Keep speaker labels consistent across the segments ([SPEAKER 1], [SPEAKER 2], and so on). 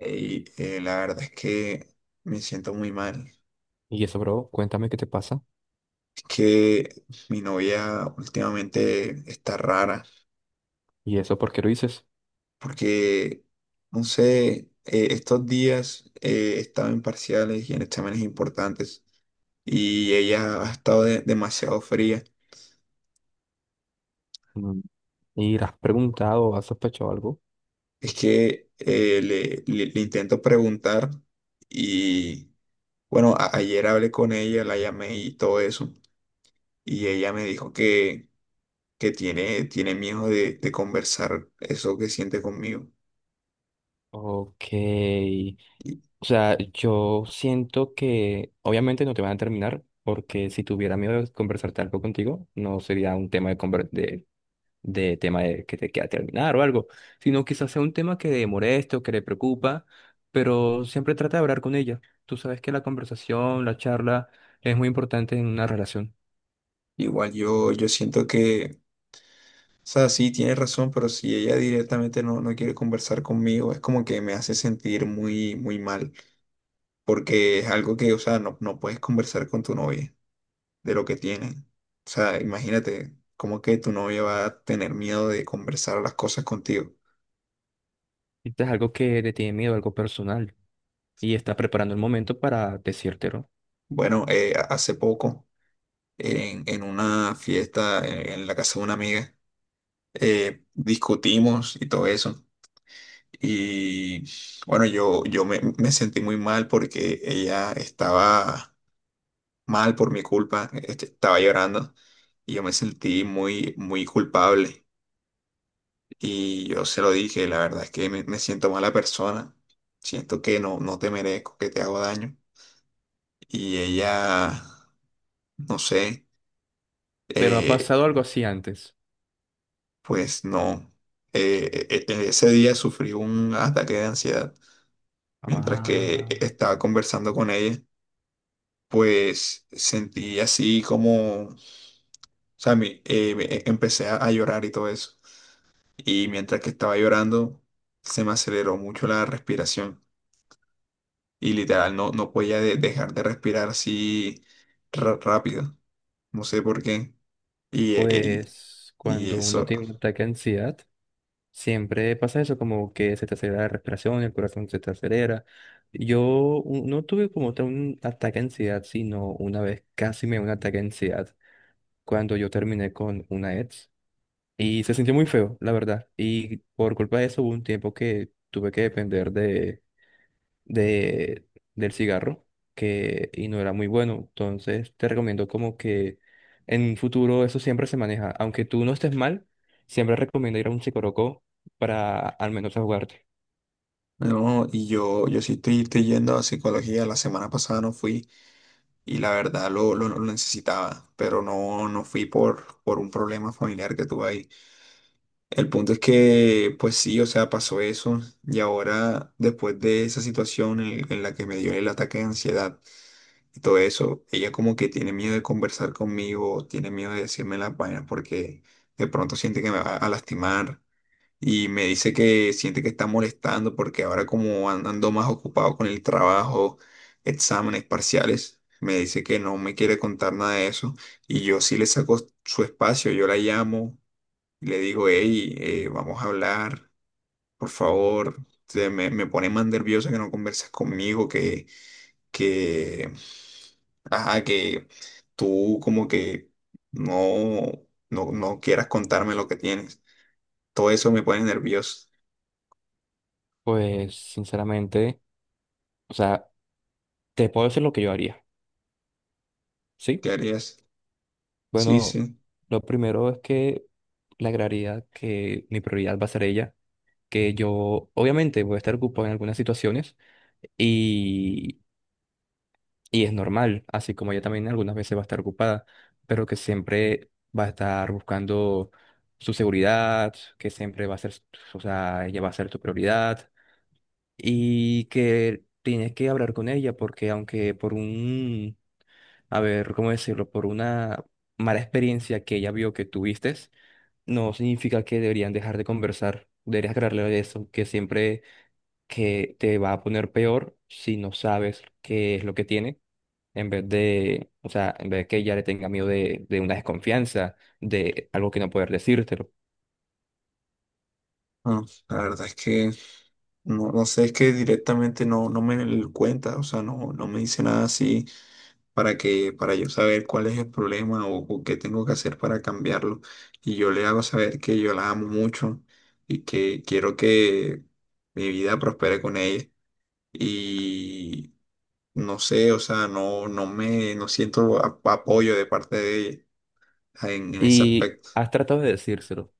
[SPEAKER 1] Y la verdad es que me siento muy mal.
[SPEAKER 2] Y eso, bro, cuéntame qué te pasa.
[SPEAKER 1] Es que mi novia últimamente está rara
[SPEAKER 2] ¿Y eso por qué lo dices?
[SPEAKER 1] porque, no sé, estos días he estado en parciales y en exámenes importantes, y ella ha estado demasiado fría.
[SPEAKER 2] Mm, ¿y le has preguntado o has sospechado algo?
[SPEAKER 1] Es que le intento preguntar y, bueno, ayer hablé con ella, la llamé y todo eso, y ella me dijo que tiene miedo de conversar eso que siente conmigo.
[SPEAKER 2] Ok.
[SPEAKER 1] Y,
[SPEAKER 2] O sea, yo siento que obviamente no te van a terminar, porque si tuviera miedo de conversarte algo contigo, no sería un tema de, de tema de que te queda terminar o algo, sino quizás sea un tema que le moleste o que le preocupa, pero siempre trata de hablar con ella. Tú sabes que la conversación, la charla es muy importante en una relación.
[SPEAKER 1] Igual yo siento que, o sea, sí, tiene razón, pero si ella directamente no, no quiere conversar conmigo, es como que me hace sentir muy, muy mal, porque es algo que, o sea, no, no puedes conversar con tu novia de lo que tienen. O sea, imagínate, como que tu novia va a tener miedo de conversar las cosas contigo.
[SPEAKER 2] Esto es algo que le tiene miedo, algo personal, y está preparando el momento para decírtelo.
[SPEAKER 1] Bueno, hace poco, en una fiesta en la casa de una amiga, discutimos y todo eso. Y bueno, me sentí muy mal porque ella estaba mal por mi culpa, este, estaba llorando y yo me sentí muy, muy culpable. Y yo se lo dije, la verdad es que me siento mala persona, siento que no, no te merezco, que te hago daño. Y ella, no sé,
[SPEAKER 2] Pero ha
[SPEAKER 1] eh,
[SPEAKER 2] pasado algo así antes.
[SPEAKER 1] pues no, ese día sufrí un ataque de ansiedad mientras que
[SPEAKER 2] Ah.
[SPEAKER 1] estaba conversando con ella, pues sentí así como, o sea, empecé a llorar y todo eso. Y mientras que estaba llorando, se me aceleró mucho la respiración. Y literal, no, no podía dejar de respirar así rápido. No sé por qué. Y, eh, eh,
[SPEAKER 2] Pues
[SPEAKER 1] y
[SPEAKER 2] cuando uno
[SPEAKER 1] eso.
[SPEAKER 2] tiene un ataque de ansiedad, siempre pasa eso, como que se te acelera la respiración, el corazón se te acelera. Yo no tuve como tal un ataque de ansiedad, sino una vez casi me dio un ataque de ansiedad cuando yo terminé con una ex y se sintió muy feo, la verdad. Y por culpa de eso hubo un tiempo que tuve que depender de, del cigarro que, y no era muy bueno. Entonces te recomiendo como que en un futuro eso siempre se maneja. Aunque tú no estés mal, siempre recomiendo ir a un psicólogo para al menos jugarte.
[SPEAKER 1] No, y yo sí estoy, estoy yendo a psicología. La semana pasada no fui y la verdad lo necesitaba, pero no, no fui por un problema familiar que tuve ahí. El punto es que, pues sí, o sea, pasó eso y ahora después de esa situación en la que me dio el ataque de ansiedad y todo eso, ella como que tiene miedo de conversar conmigo, tiene miedo de decirme las vainas porque de pronto siente que me va a lastimar, y me dice que siente que está molestando porque ahora como ando más ocupado con el trabajo, exámenes parciales, me dice que no me quiere contar nada de eso. Y yo sí le saco su espacio, yo la llamo y le digo, "Hey, vamos a hablar, por favor, me pone más nerviosa que no conversas conmigo, que, ajá, que tú como que no, no, no quieras contarme lo que tienes". Todo eso me pone nervioso.
[SPEAKER 2] Pues sinceramente, o sea, te puedo decir lo que yo haría, ¿sí?
[SPEAKER 1] ¿Qué harías? Sí,
[SPEAKER 2] Bueno,
[SPEAKER 1] sí.
[SPEAKER 2] lo primero es que le agregaría que mi prioridad va a ser ella, que yo obviamente voy a estar ocupado en algunas situaciones. Y es normal, así como ella también algunas veces va a estar ocupada, pero que siempre va a estar buscando su seguridad, que siempre va a ser, o sea, ella va a ser tu prioridad y que tienes que hablar con ella porque aunque por un, a ver, ¿cómo decirlo? Por una mala experiencia que ella vio que tuviste, no significa que deberían dejar de conversar. Deberías aclararle de eso, que siempre que te va a poner peor si no sabes qué es lo que tiene, en vez de, o sea, en vez de que ella le tenga miedo de una desconfianza, de algo que no poder decírtelo.
[SPEAKER 1] No, la verdad es que no, no sé, es que directamente no, no me lo cuenta, o sea, no, no me dice nada así para que, para yo saber cuál es el problema o qué tengo que hacer para cambiarlo. Y yo le hago saber que yo la amo mucho y que quiero que mi vida prospere con ella. Y no sé, o sea, no siento apoyo de parte de ella en ese
[SPEAKER 2] Y
[SPEAKER 1] aspecto.
[SPEAKER 2] has tratado de decírselo.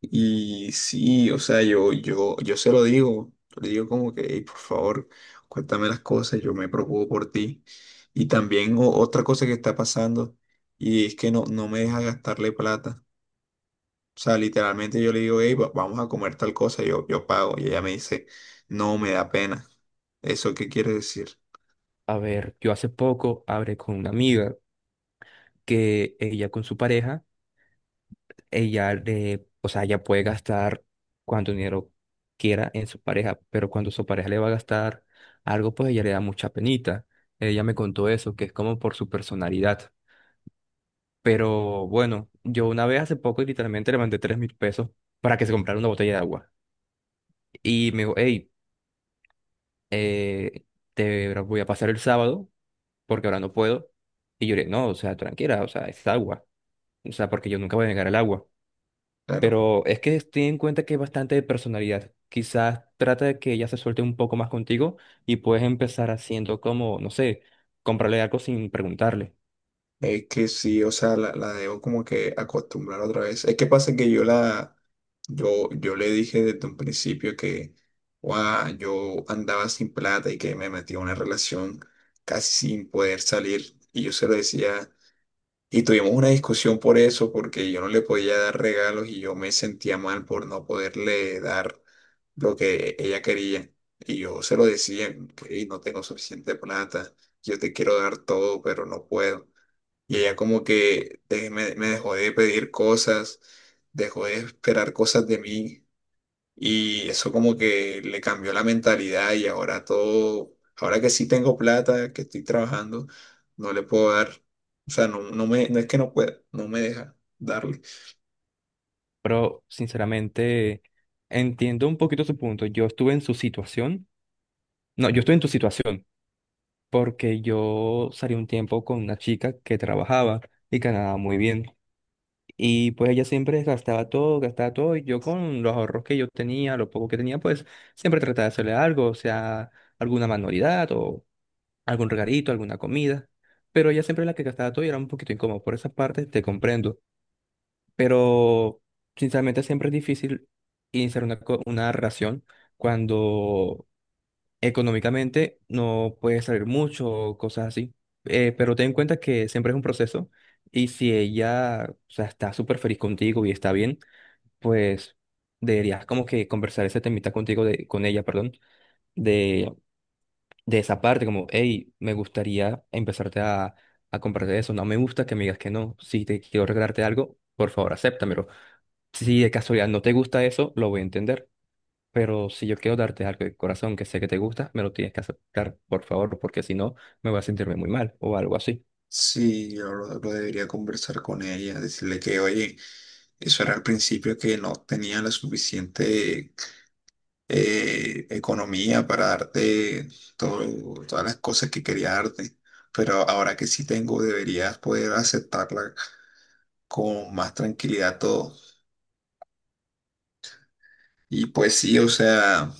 [SPEAKER 1] Y sí, o sea, yo se lo digo, le digo como que, "Ey, por favor, cuéntame las cosas, yo me preocupo por ti". Y también otra cosa que está pasando, y es que no, no me deja gastarle plata. O sea, literalmente yo le digo, "Hey, vamos a comer tal cosa, yo pago". Y ella me dice, "No, me da pena". ¿Eso qué quiere decir?
[SPEAKER 2] A ver, yo hace poco hablé con una amiga que ella con su pareja, ella le, o sea, ella puede gastar cuánto dinero quiera en su pareja, pero cuando su pareja le va a gastar algo, pues ella le da mucha penita. Ella me contó eso, que es como por su personalidad. Pero bueno, yo una vez hace poco literalmente le mandé 3.000 pesos para que se comprara una botella de agua. Y me dijo, hey, eh, te voy a pasar el sábado porque ahora no puedo. Y yo le dije, no, o sea, tranquila, o sea, es agua. O sea, porque yo nunca voy a negar el agua.
[SPEAKER 1] Claro.
[SPEAKER 2] Pero es que ten en cuenta que es bastante de personalidad. Quizás trata de que ella se suelte un poco más contigo y puedes empezar haciendo como, no sé, comprarle algo sin preguntarle.
[SPEAKER 1] Es que sí, o sea, la debo como que acostumbrar otra vez. Es que pasa que yo le dije desde un principio que, "Guau, yo andaba sin plata y que me metí en una relación casi sin poder salir". Y yo se lo decía, y tuvimos una discusión por eso, porque yo no le podía dar regalos y yo me sentía mal por no poderle dar lo que ella quería. Y yo se lo decía, y no tengo suficiente plata, yo te quiero dar todo, pero no puedo. Y ella como que me dejó de pedir cosas, dejó de esperar cosas de mí, y eso como que le cambió la mentalidad, y ahora todo, ahora que sí tengo plata, que estoy trabajando, no le puedo dar, o sea, no es que no pueda, no me deja darle.
[SPEAKER 2] Pero sinceramente... Entiendo un poquito su punto. Yo estuve en su situación. No, yo estoy en tu situación, porque yo salí un tiempo con una chica que trabajaba y ganaba muy bien. Y pues ella siempre gastaba todo, y yo con los ahorros que yo tenía, lo poco que tenía, pues siempre trataba de hacerle algo, o sea, alguna manualidad o algún regalito, alguna comida. Pero ella siempre era la que gastaba todo y era un poquito incómodo. Por esa parte te comprendo. Pero sinceramente siempre es difícil iniciar una, una relación cuando económicamente no puede salir mucho o cosas así. Pero ten en cuenta que siempre es un proceso y si ella, o sea, está súper feliz contigo y está bien, pues deberías como que conversar ese temita contigo, de, con ella, perdón, de, de esa parte, como, hey, me gustaría a comprarte eso, no me gusta que me digas que no, si te quiero regalarte algo, por favor, acéptamelo. Si de casualidad no te gusta eso, lo voy a entender. Pero si yo quiero darte algo de corazón que sé que te gusta, me lo tienes que aceptar, por favor, porque si no, me voy a sentirme muy mal o algo así.
[SPEAKER 1] Sí, yo lo debería conversar con ella, decirle que, oye, eso era al principio que no tenía la suficiente economía para darte todas las cosas que quería darte, pero ahora que sí tengo, deberías poder aceptarla con más tranquilidad todo. Y pues sí, o sea,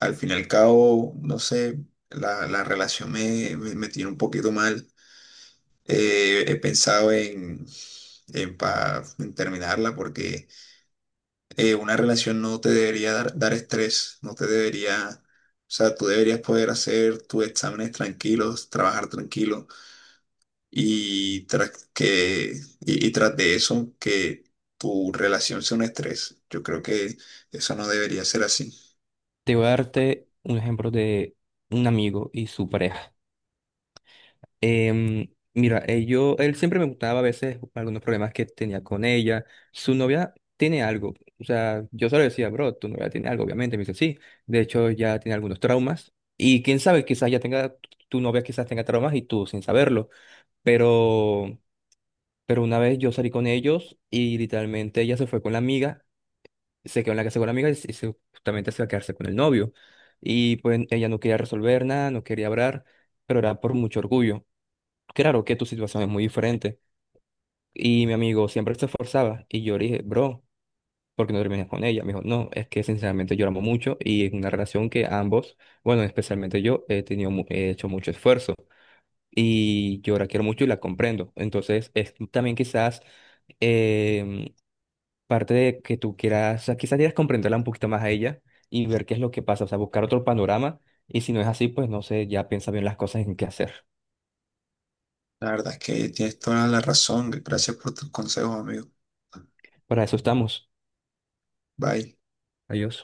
[SPEAKER 1] al fin y al cabo, no sé, la relación me tiene un poquito mal. He pensado en, en terminarla porque una relación no te debería dar, dar estrés, no te debería, o sea, tú deberías poder hacer tus exámenes tranquilos, trabajar tranquilo, y tras que, y tras de eso, que tu relación sea un estrés. Yo creo que eso no debería ser así.
[SPEAKER 2] Te voy a darte un ejemplo de un amigo y su pareja. Em, mira, él siempre me contaba a veces algunos problemas que tenía con ella. Su novia tiene algo. O sea, yo solo decía, bro, tu novia tiene algo, obviamente. Me dice, sí. De hecho, ya tiene algunos traumas. Y quién sabe, quizás ya tenga, tu novia quizás tenga traumas y tú sin saberlo. Pero Pero una vez yo salí con ellos y literalmente ella se fue con la amiga, se quedó en la casa con la amiga y justamente se iba a quedarse con el novio. Y pues ella no quería resolver nada, no quería hablar, pero era por mucho orgullo. Claro que tu situación es muy diferente. Y mi amigo siempre se esforzaba y yo le dije, bro, ¿por qué no terminas con ella? Me dijo, no, es que sinceramente lloramos mucho y es una relación que ambos, bueno, especialmente yo, he tenido, he hecho mucho esfuerzo y yo la quiero mucho y la comprendo. Entonces es también quizás... em, parte de que tú quieras, o sea, quizás quieras comprenderla un poquito más a ella y ver qué es lo que pasa, o sea, buscar otro panorama y si no es así, pues no sé, ya piensa bien las cosas en qué hacer.
[SPEAKER 1] La verdad es que tienes toda la razón. Gracias por tus consejos, amigo.
[SPEAKER 2] Para eso estamos.
[SPEAKER 1] Bye.
[SPEAKER 2] Adiós.